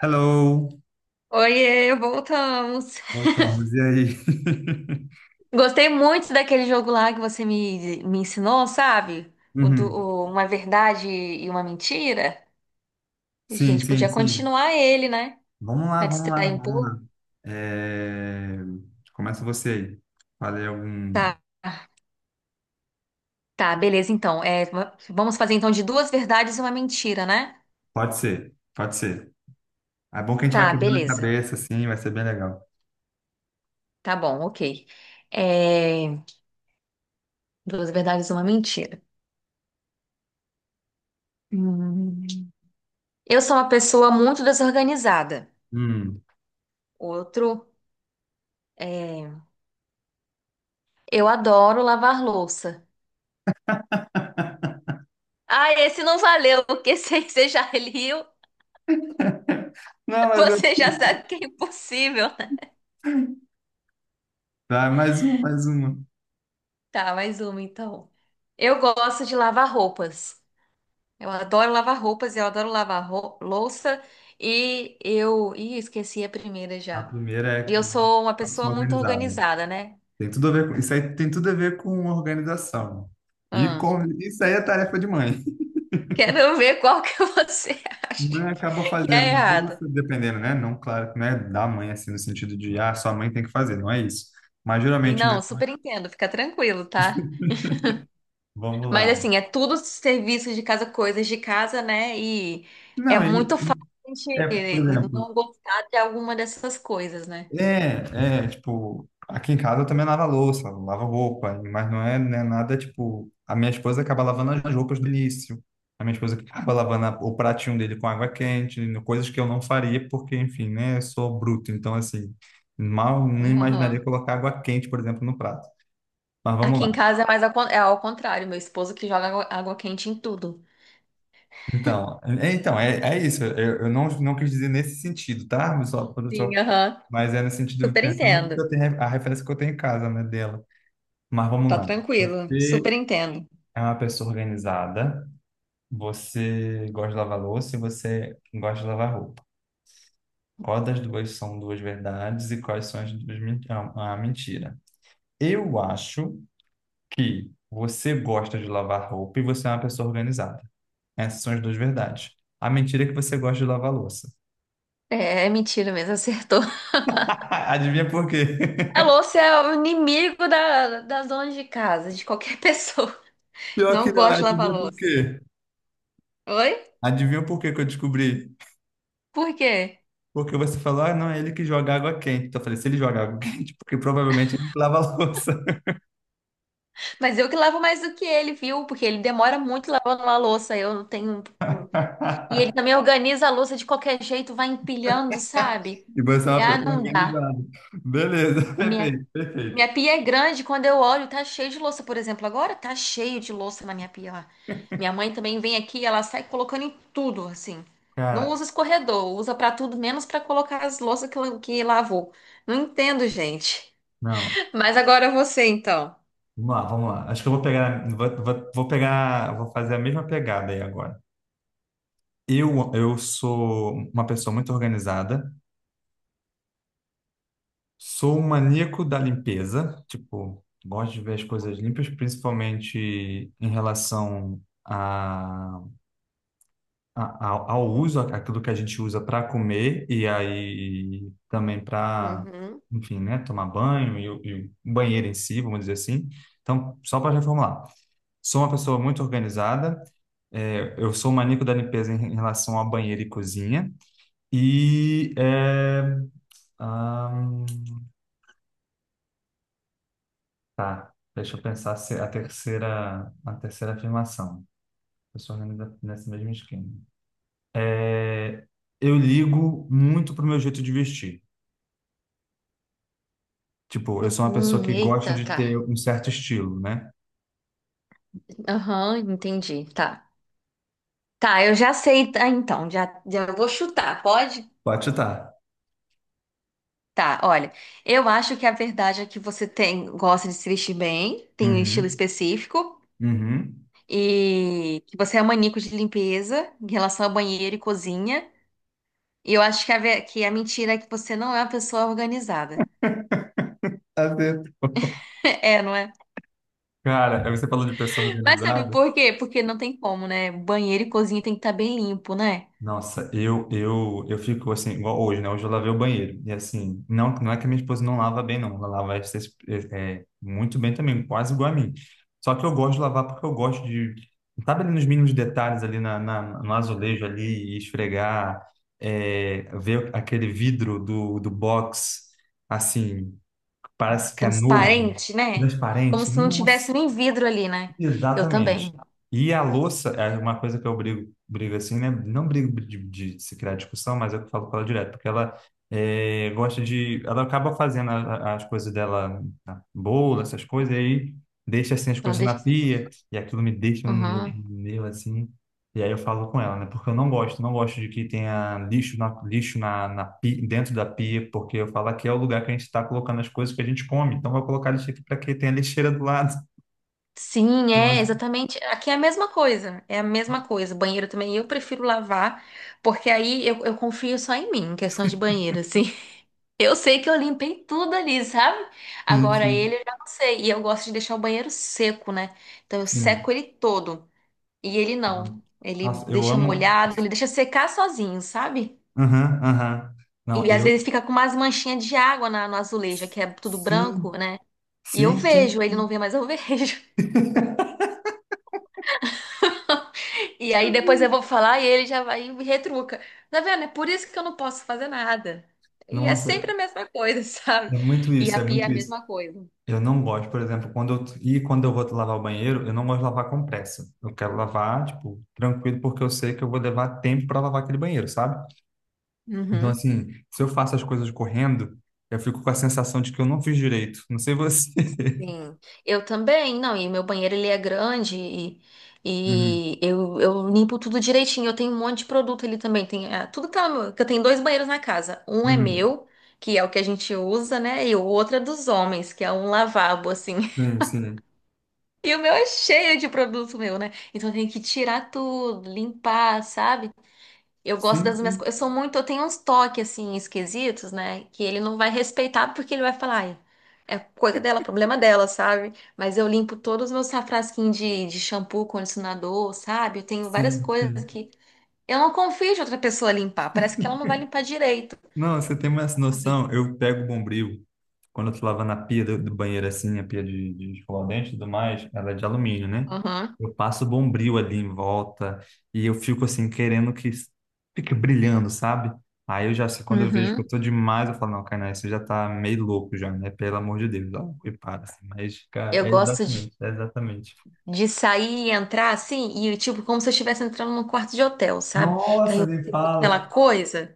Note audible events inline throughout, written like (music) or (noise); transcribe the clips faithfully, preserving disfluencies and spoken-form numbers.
Hello, Oiê, voltamos. voltamos, e aí? (laughs) Gostei muito daquele jogo lá que você me, me ensinou, sabe? O do, Uhum. O- uma verdade e uma mentira. A Sim, gente sim, podia sim. continuar ele, né? Vamos lá, Pra vamos lá, distrair um vamos pouco. lá. É, começa você aí. Falei algum. Tá, tá, beleza, então. É, va- vamos fazer então de duas verdades e uma mentira, né? Pode ser, pode ser. É bom que a gente vai Tá, quebrando a beleza. cabeça, assim, vai ser bem legal. Tá bom, ok. É, Duas verdades e uma mentira. Hum. Eu sou uma pessoa muito desorganizada. Hum. Outro, é, eu adoro lavar louça. Ah, esse não valeu, porque (laughs) se você já leu, Não, mas eu... você já sabe que é impossível, né? Vai, mais uma, mais uma. Tá, mais uma então. Eu gosto de lavar roupas. Eu adoro lavar roupas, eu adoro lavar rou- louça e eu. Ih, esqueci a primeira A já. primeira E é eu sou uma uma pessoa pessoa muito organizada. organizada, né? Tem tudo a ver com... Isso aí tem tudo a ver com organização. E Hum. Com... isso aí é tarefa de mãe. Quero (laughs) ver qual que (laughs) você acha que Mãe acaba que é fazendo, errado. isso dependendo, né? Não, claro que não é da mãe, assim, no sentido de, ah, sua mãe tem que fazer, não é isso. Mas Sim, geralmente, né? não, super entendo, fica tranquilo, tá? Vamos Mas lá. assim, é tudo serviço de casa, coisas de casa, né? E é Não, é, muito fácil a é, por gente exemplo, não gostar de alguma dessas coisas, né? é, é, tipo, aqui em casa eu também lavo a louça, lavo roupa, mas não é, né, nada, tipo, a minha esposa acaba lavando as roupas do início, a minha esposa que acaba lavando a- o pratinho dele com água quente, coisas que eu não faria, porque, enfim, né, eu sou bruto, então, assim, mal nem imaginaria Aham. colocar água quente, por exemplo, no prato. Mas vamos Aqui em lá. casa é mais ao, con- é ao contrário, meu esposo que joga água, água quente em tudo. Então, é, então, é, é isso. Eu, eu não, não quis dizer nesse sentido, tá? Só, só, Sim, aham. mas é no sentido Super pensando que entendo. eu tenho a referência que eu tenho em casa, né, dela. Mas vamos Tá lá. tranquilo, Você super entendo. é uma pessoa organizada, você gosta de lavar louça e você gosta de lavar roupa. Qual das duas são duas verdades e quais são as duas men- a a mentira? Eu acho que você gosta de lavar roupa e você é uma pessoa organizada. Essas são as duas verdades. A mentira é que você gosta de lavar louça. É, é mentira mesmo, acertou. (laughs) (laughs) Adivinha por quê? A louça é o inimigo da, da zona de casa, de qualquer (laughs) pessoa. Pior que Não não, gosto de lavar adivinha por louça. quê? Oi? Adivinha por quê que eu descobri? Por quê? Porque você falou, ah, não, é ele que joga água quente. Então eu falei, se ele joga água (laughs) quente, porque provavelmente ele lava a louça. Mas eu que lavo mais do que ele, viu? Porque ele demora muito lavando a louça. Eu não tenho. Um, e ele (laughs) também organiza a louça de qualquer jeito, vai empilhando, sabe? E você é uma Ah, pessoa não dá. organizada. Beleza, (laughs) A Minha, perfeito, Minha perfeito. pia é grande, quando eu olho, tá cheio de louça, por exemplo. Agora tá cheio de louça na minha pia lá. Minha mãe também vem aqui, ela sai colocando em tudo, assim. Não Cara, usa escorredor, usa pra tudo, menos pra colocar as louças que, la- que lavou. Não entendo, gente. não, Mas agora você, então. vamos lá, vamos lá. Acho que eu vou pegar, vou, vou, vou pegar, vou fazer a mesma pegada aí agora. Eu, eu sou uma pessoa muito organizada. Sou um maníaco da limpeza, tipo, gosto de ver as coisas limpas, principalmente em relação a, a- ao ao uso, aquilo que a gente usa para comer e aí também para, Uhum. enfim, né, tomar banho e, o e o banheiro em si, vamos dizer assim. Então, só para reformular, sou uma pessoa muito organizada, é, eu sou um maníaco da limpeza em, em relação a banheiro e cozinha e é, deixa eu pensar se a terceira, a terceira afirmação. Eu sou organiza nesse mesmo esquema. É, eu ligo muito pro meu jeito de vestir. Tipo, eu sou uma pessoa Hum, que gosta eita, de ter tá. um certo estilo, né? Aham, entendi. Tá. Tá, eu já sei. Tá, então, já, já vou chutar, pode? Pode chutar. Tá, olha. Eu acho que a verdade é que você tem, gosta de se vestir bem, tem um estilo Uhum, específico, uhum. e que você é maníaco de limpeza em relação ao banheiro e cozinha. E eu acho que a, ve- que a mentira é que você não é uma pessoa organizada. Acerto. (laughs) É, não é? Cara, aí você falou de pessoa Mas sabe organizada. por quê? Porque não tem como, né? Banheiro e cozinha tem que estar bem limpo, né? Nossa, eu, eu, eu fico assim, igual hoje, né? Hoje eu lavei o banheiro. E assim, não, não é que a minha esposa não lava bem, não. Ela lava essas- é, é, muito bem também, quase igual a mim. Só que eu gosto de lavar porque eu gosto de, sabe, ali nos mínimos detalhes, ali na, na- no azulejo ali, e esfregar, é, ver aquele vidro do, do box, assim, parece que é novo, Transparente, né? Como transparente. se não tivesse Nossa, nem vidro ali, né? Eu também. exatamente. E a louça é uma coisa que eu brigo, brigo assim, né? Não brigo de, de se criar discussão, mas eu falo com ela direto, porque ela é, gosta de. Ela acaba fazendo a- a- as coisas dela, a bolo, essas coisas, e aí deixa assim as Ela coisas na deixa... pia, e aquilo me deixa um meu, Aham. meu, assim. E aí eu falo com ela, né? Porque eu não gosto, não gosto de que tenha lixo na, lixo na, na pia, dentro da pia, porque eu falo que é o lugar que a gente está colocando as coisas que a gente come, então eu vou colocar lixo aqui para que tenha lixeira do lado. (laughs) Sim, é Então, exatamente. Aqui é a mesma coisa. É a mesma coisa. Banheiro também eu prefiro lavar, porque aí eu, eu confio só em mim, em questão de banheiro, assim. (laughs) Eu sei que eu limpei tudo ali, sabe? Agora assim, ele eu já não sei. E eu gosto de deixar o banheiro seco, né? Então eu sim. seco ele todo. E ele não. Ele Nossa, eu deixa amo. molhado, ele deixa secar sozinho, sabe? Aham, aham. Não, E às eu. vezes fica com umas manchinhas de água na, no azulejo, que é tudo branco, Sim, né? E eu sim, vejo, sim, ele não sim. vê, mas eu (laughs) vejo. E aí depois eu vou falar e ele já vai e me retruca. Tá vendo? É por isso que eu não posso fazer nada. E é Nossa, sempre a mesma coisa, (laughs) sabe? é muito E isso, a é pia é a muito isso. mesma coisa. Eu não gosto, por exemplo, quando eu, e quando eu vou lavar o banheiro, eu não gosto de lavar com pressa. Eu quero lavar, tipo, tranquilo, porque eu sei que eu vou levar tempo para lavar aquele banheiro, sabe? Então, Uhum. assim, se eu faço as coisas correndo, eu fico com a sensação de que eu não fiz direito. Não sei você. (laughs) Sim, eu também, não, e meu banheiro ele é grande e, Uhum, e eu, eu limpo tudo direitinho, eu tenho um monte de produto ali também, tem, ah, tudo tá, no- que eu tenho dois banheiros na casa, um é uhum. meu, que é o que a gente usa, né, e o outro é dos homens, que é um lavabo, assim. Sim, sim. E o meu é cheio de produto meu, né? Então eu tenho que tirar tudo, limpar, sabe? Eu gosto Sim, das minhas sim, coisas. Eu sou muito, eu tenho uns toques assim esquisitos, né? Que ele não vai respeitar porque ele vai falar, "Ai, é coisa dela, problema dela", sabe? Mas eu limpo todos os meus safrasquinhos de, de shampoo, condicionador, sabe? Eu tenho várias sim, coisas sim. que eu não confio de outra pessoa limpar. Parece que ela não vai limpar direito, Não, você tem mais sabe? noção. Eu pego o Bombril quando eu tô lavando a pia do, do banheiro assim, a pia de, de escovar o dente e tudo mais, ela é de alumínio, né? Uhum. Eu passo o Bombril ali em volta e eu fico assim, querendo que fique brilhando, sabe? Aí eu já sei, quando eu vejo que eu Uhum. tô demais, eu falo, não, Kainá, você já tá meio louco já, né? Pelo amor de Deus, ó, e para, assim. Mas, cara, Eu é gosto de exatamente, é exatamente. De sair e entrar assim, e tipo, como se eu estivesse entrando num quarto de hotel, sabe? Que aí Nossa, eu nem sinto aquela fala. coisa.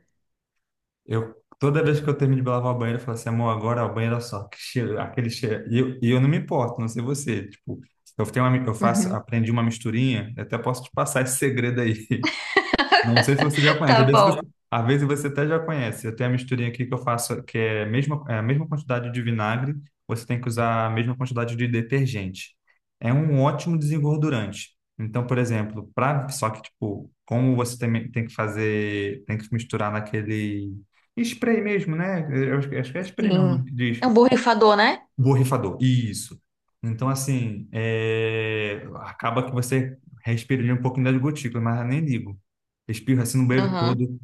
Eu, toda vez que eu termino de lavar o banheiro, eu falo assim, amor, agora o banheiro é só, que cheiro, aquele cheiro. E eu, e eu não me importo, não sei você. Tipo, eu tenho uma, mi- eu faço, Uhum. aprendi uma misturinha, eu até posso te passar esse segredo aí. Não sei se você já (laughs) conhece. Às Tá vezes bom. você, às vezes você até já conhece. Eu tenho a misturinha aqui que eu faço, que é a mesma, é a mesma quantidade de vinagre, você tem que usar a mesma quantidade de detergente. É um ótimo desengordurante. Então, por exemplo, pra, só que, tipo, como você tem, tem que fazer, tem que misturar naquele spray mesmo, né? Eu acho que acho que é spray mesmo o Sim. nome que É diz um borrifador, né? borrifador, isso. Então, assim, é, acaba que você respira um pouquinho das gotículas, mas eu nem ligo. Espirro assim no banheiro Uhum. todo,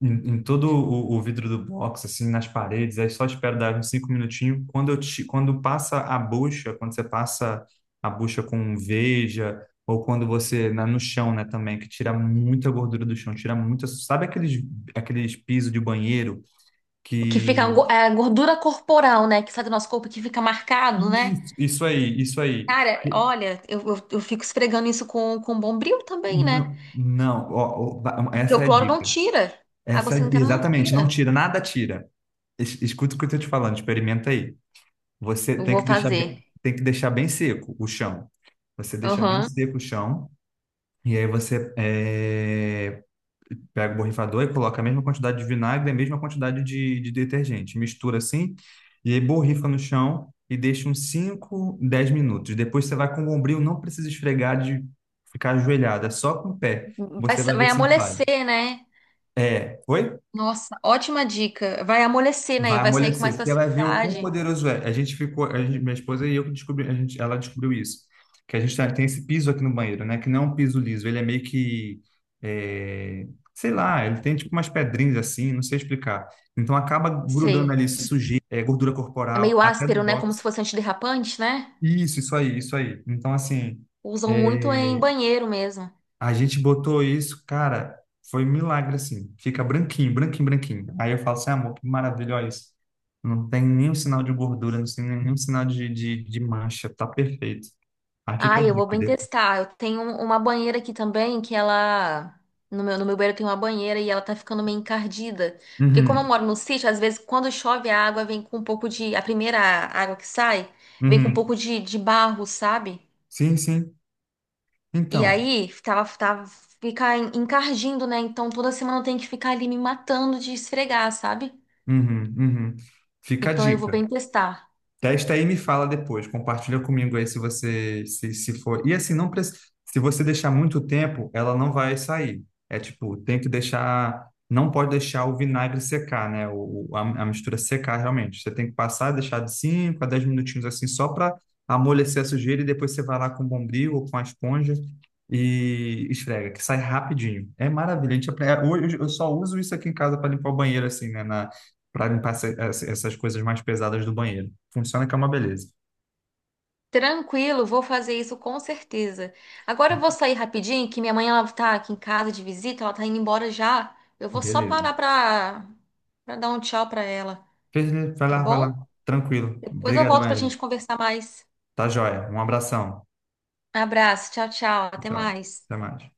em, em todo o, o vidro do box, assim, nas paredes, aí só espero dar uns cinco minutinhos. Quando eu ti- quando passa a bucha, quando você passa a bucha com Veja, ou quando você, na, no chão, né, também, que tira muita gordura do chão, tira muita. Sabe aqueles, aqueles pisos de banheiro O que fica que. é a gordura corporal, né? Que sai do nosso corpo, que fica marcado, né? Isso, isso aí, isso aí. Cara, olha, eu, eu, eu fico esfregando isso com, com Bombril também, né? Não, não, ó, ó, va- Porque essa o é a cloro não dica. tira. A água Essa é- sanitária não Exatamente, não tira. tira, nada tira. Es- Escuta o que eu estou te falando, experimenta aí. Você Eu tem vou que deixar bem, fazer. tem que deixar bem seco o chão. Você deixa bem Uhum. seco o chão e aí você é, pega o borrifador e coloca a mesma quantidade de vinagre, e a mesma quantidade de, de detergente, mistura assim e aí borrifa no chão e deixa uns cinco, dez minutos. Depois você vai com o bombril, não precisa esfregar de ficar ajoelhada, só com o pé. Vai, Você sa- vai Vai ver se não sai. amolecer, né? É, oi? Nossa, ótima dica. Vai amolecer, né? E Vai vai sair com amolecer. mais Você vai ver o quão facilidade. poderoso é. A gente ficou, a gente- minha esposa e eu que descobri, a gente, ela descobriu isso. Que a gente tá- tem esse piso aqui no banheiro, né? Que não é um piso liso, ele é meio que, é, sei lá, ele tem tipo umas pedrinhas assim, não sei explicar. Então acaba grudando Sei. ali sujeira, é, gordura É corporal, meio até do áspero, né? Como se box. fosse antiderrapante, né? Isso, isso aí, isso aí. Então assim, Usam muito é, em banheiro mesmo. A gente botou isso, cara, foi um milagre assim. Fica branquinho, branquinho, branquinho. Aí eu falo assim, amor, que maravilha, olha isso. Não tem nenhum sinal de gordura, não tem nenhum sinal de, de, de mancha, tá perfeito. Aí fica Ah, a eu vou dica bem dele. testar. Eu tenho um, uma banheira aqui também que ela. No meu, no meu banheiro tem uma banheira e ela tá ficando meio encardida. Porque como eu Uhum, moro no sítio, às vezes quando chove a água vem com um pouco de. A primeira água que sai vem com um uhum. pouco de, de barro, sabe? Sim, sim. E Então, aí, tava, tava, fica en- encardindo, né? Então toda semana eu tenho que ficar ali me matando de esfregar, sabe? uhum, uhum. Fica a Então eu vou dica. bem testar. Testa aí e me fala depois. Compartilha comigo aí se você se, se for. E assim, não precisa. Se você deixar muito tempo, ela não vai sair. É tipo, tem que deixar. Não pode deixar o vinagre secar, né? O, o- a, a mistura secar realmente. Você tem que passar, deixar de cinco a dez minutinhos assim, só para amolecer a sujeira e depois você vai lá com o bombril ou com a esponja e esfrega, que sai rapidinho. É maravilha. A gente, apre- é, hoje eu só uso isso aqui em casa para limpar o banheiro, assim, né? Para limpar essa- essa- essas coisas mais pesadas do banheiro. Funciona que é uma beleza. Tranquilo, vou fazer isso com certeza. Agora eu vou sair rapidinho, que minha mãe ela tá aqui em casa de visita, ela tá indo embora já. Eu vou só Beleza. parar pra, pra dar um tchau pra ela, Beleza, vai lá, tá vai lá. bom? Tranquilo. Depois eu Obrigadão, volto pra Evelyn. gente conversar mais. Tá joia. Um abração. Abraço, tchau, tchau, até Tchau. mais. Até mais.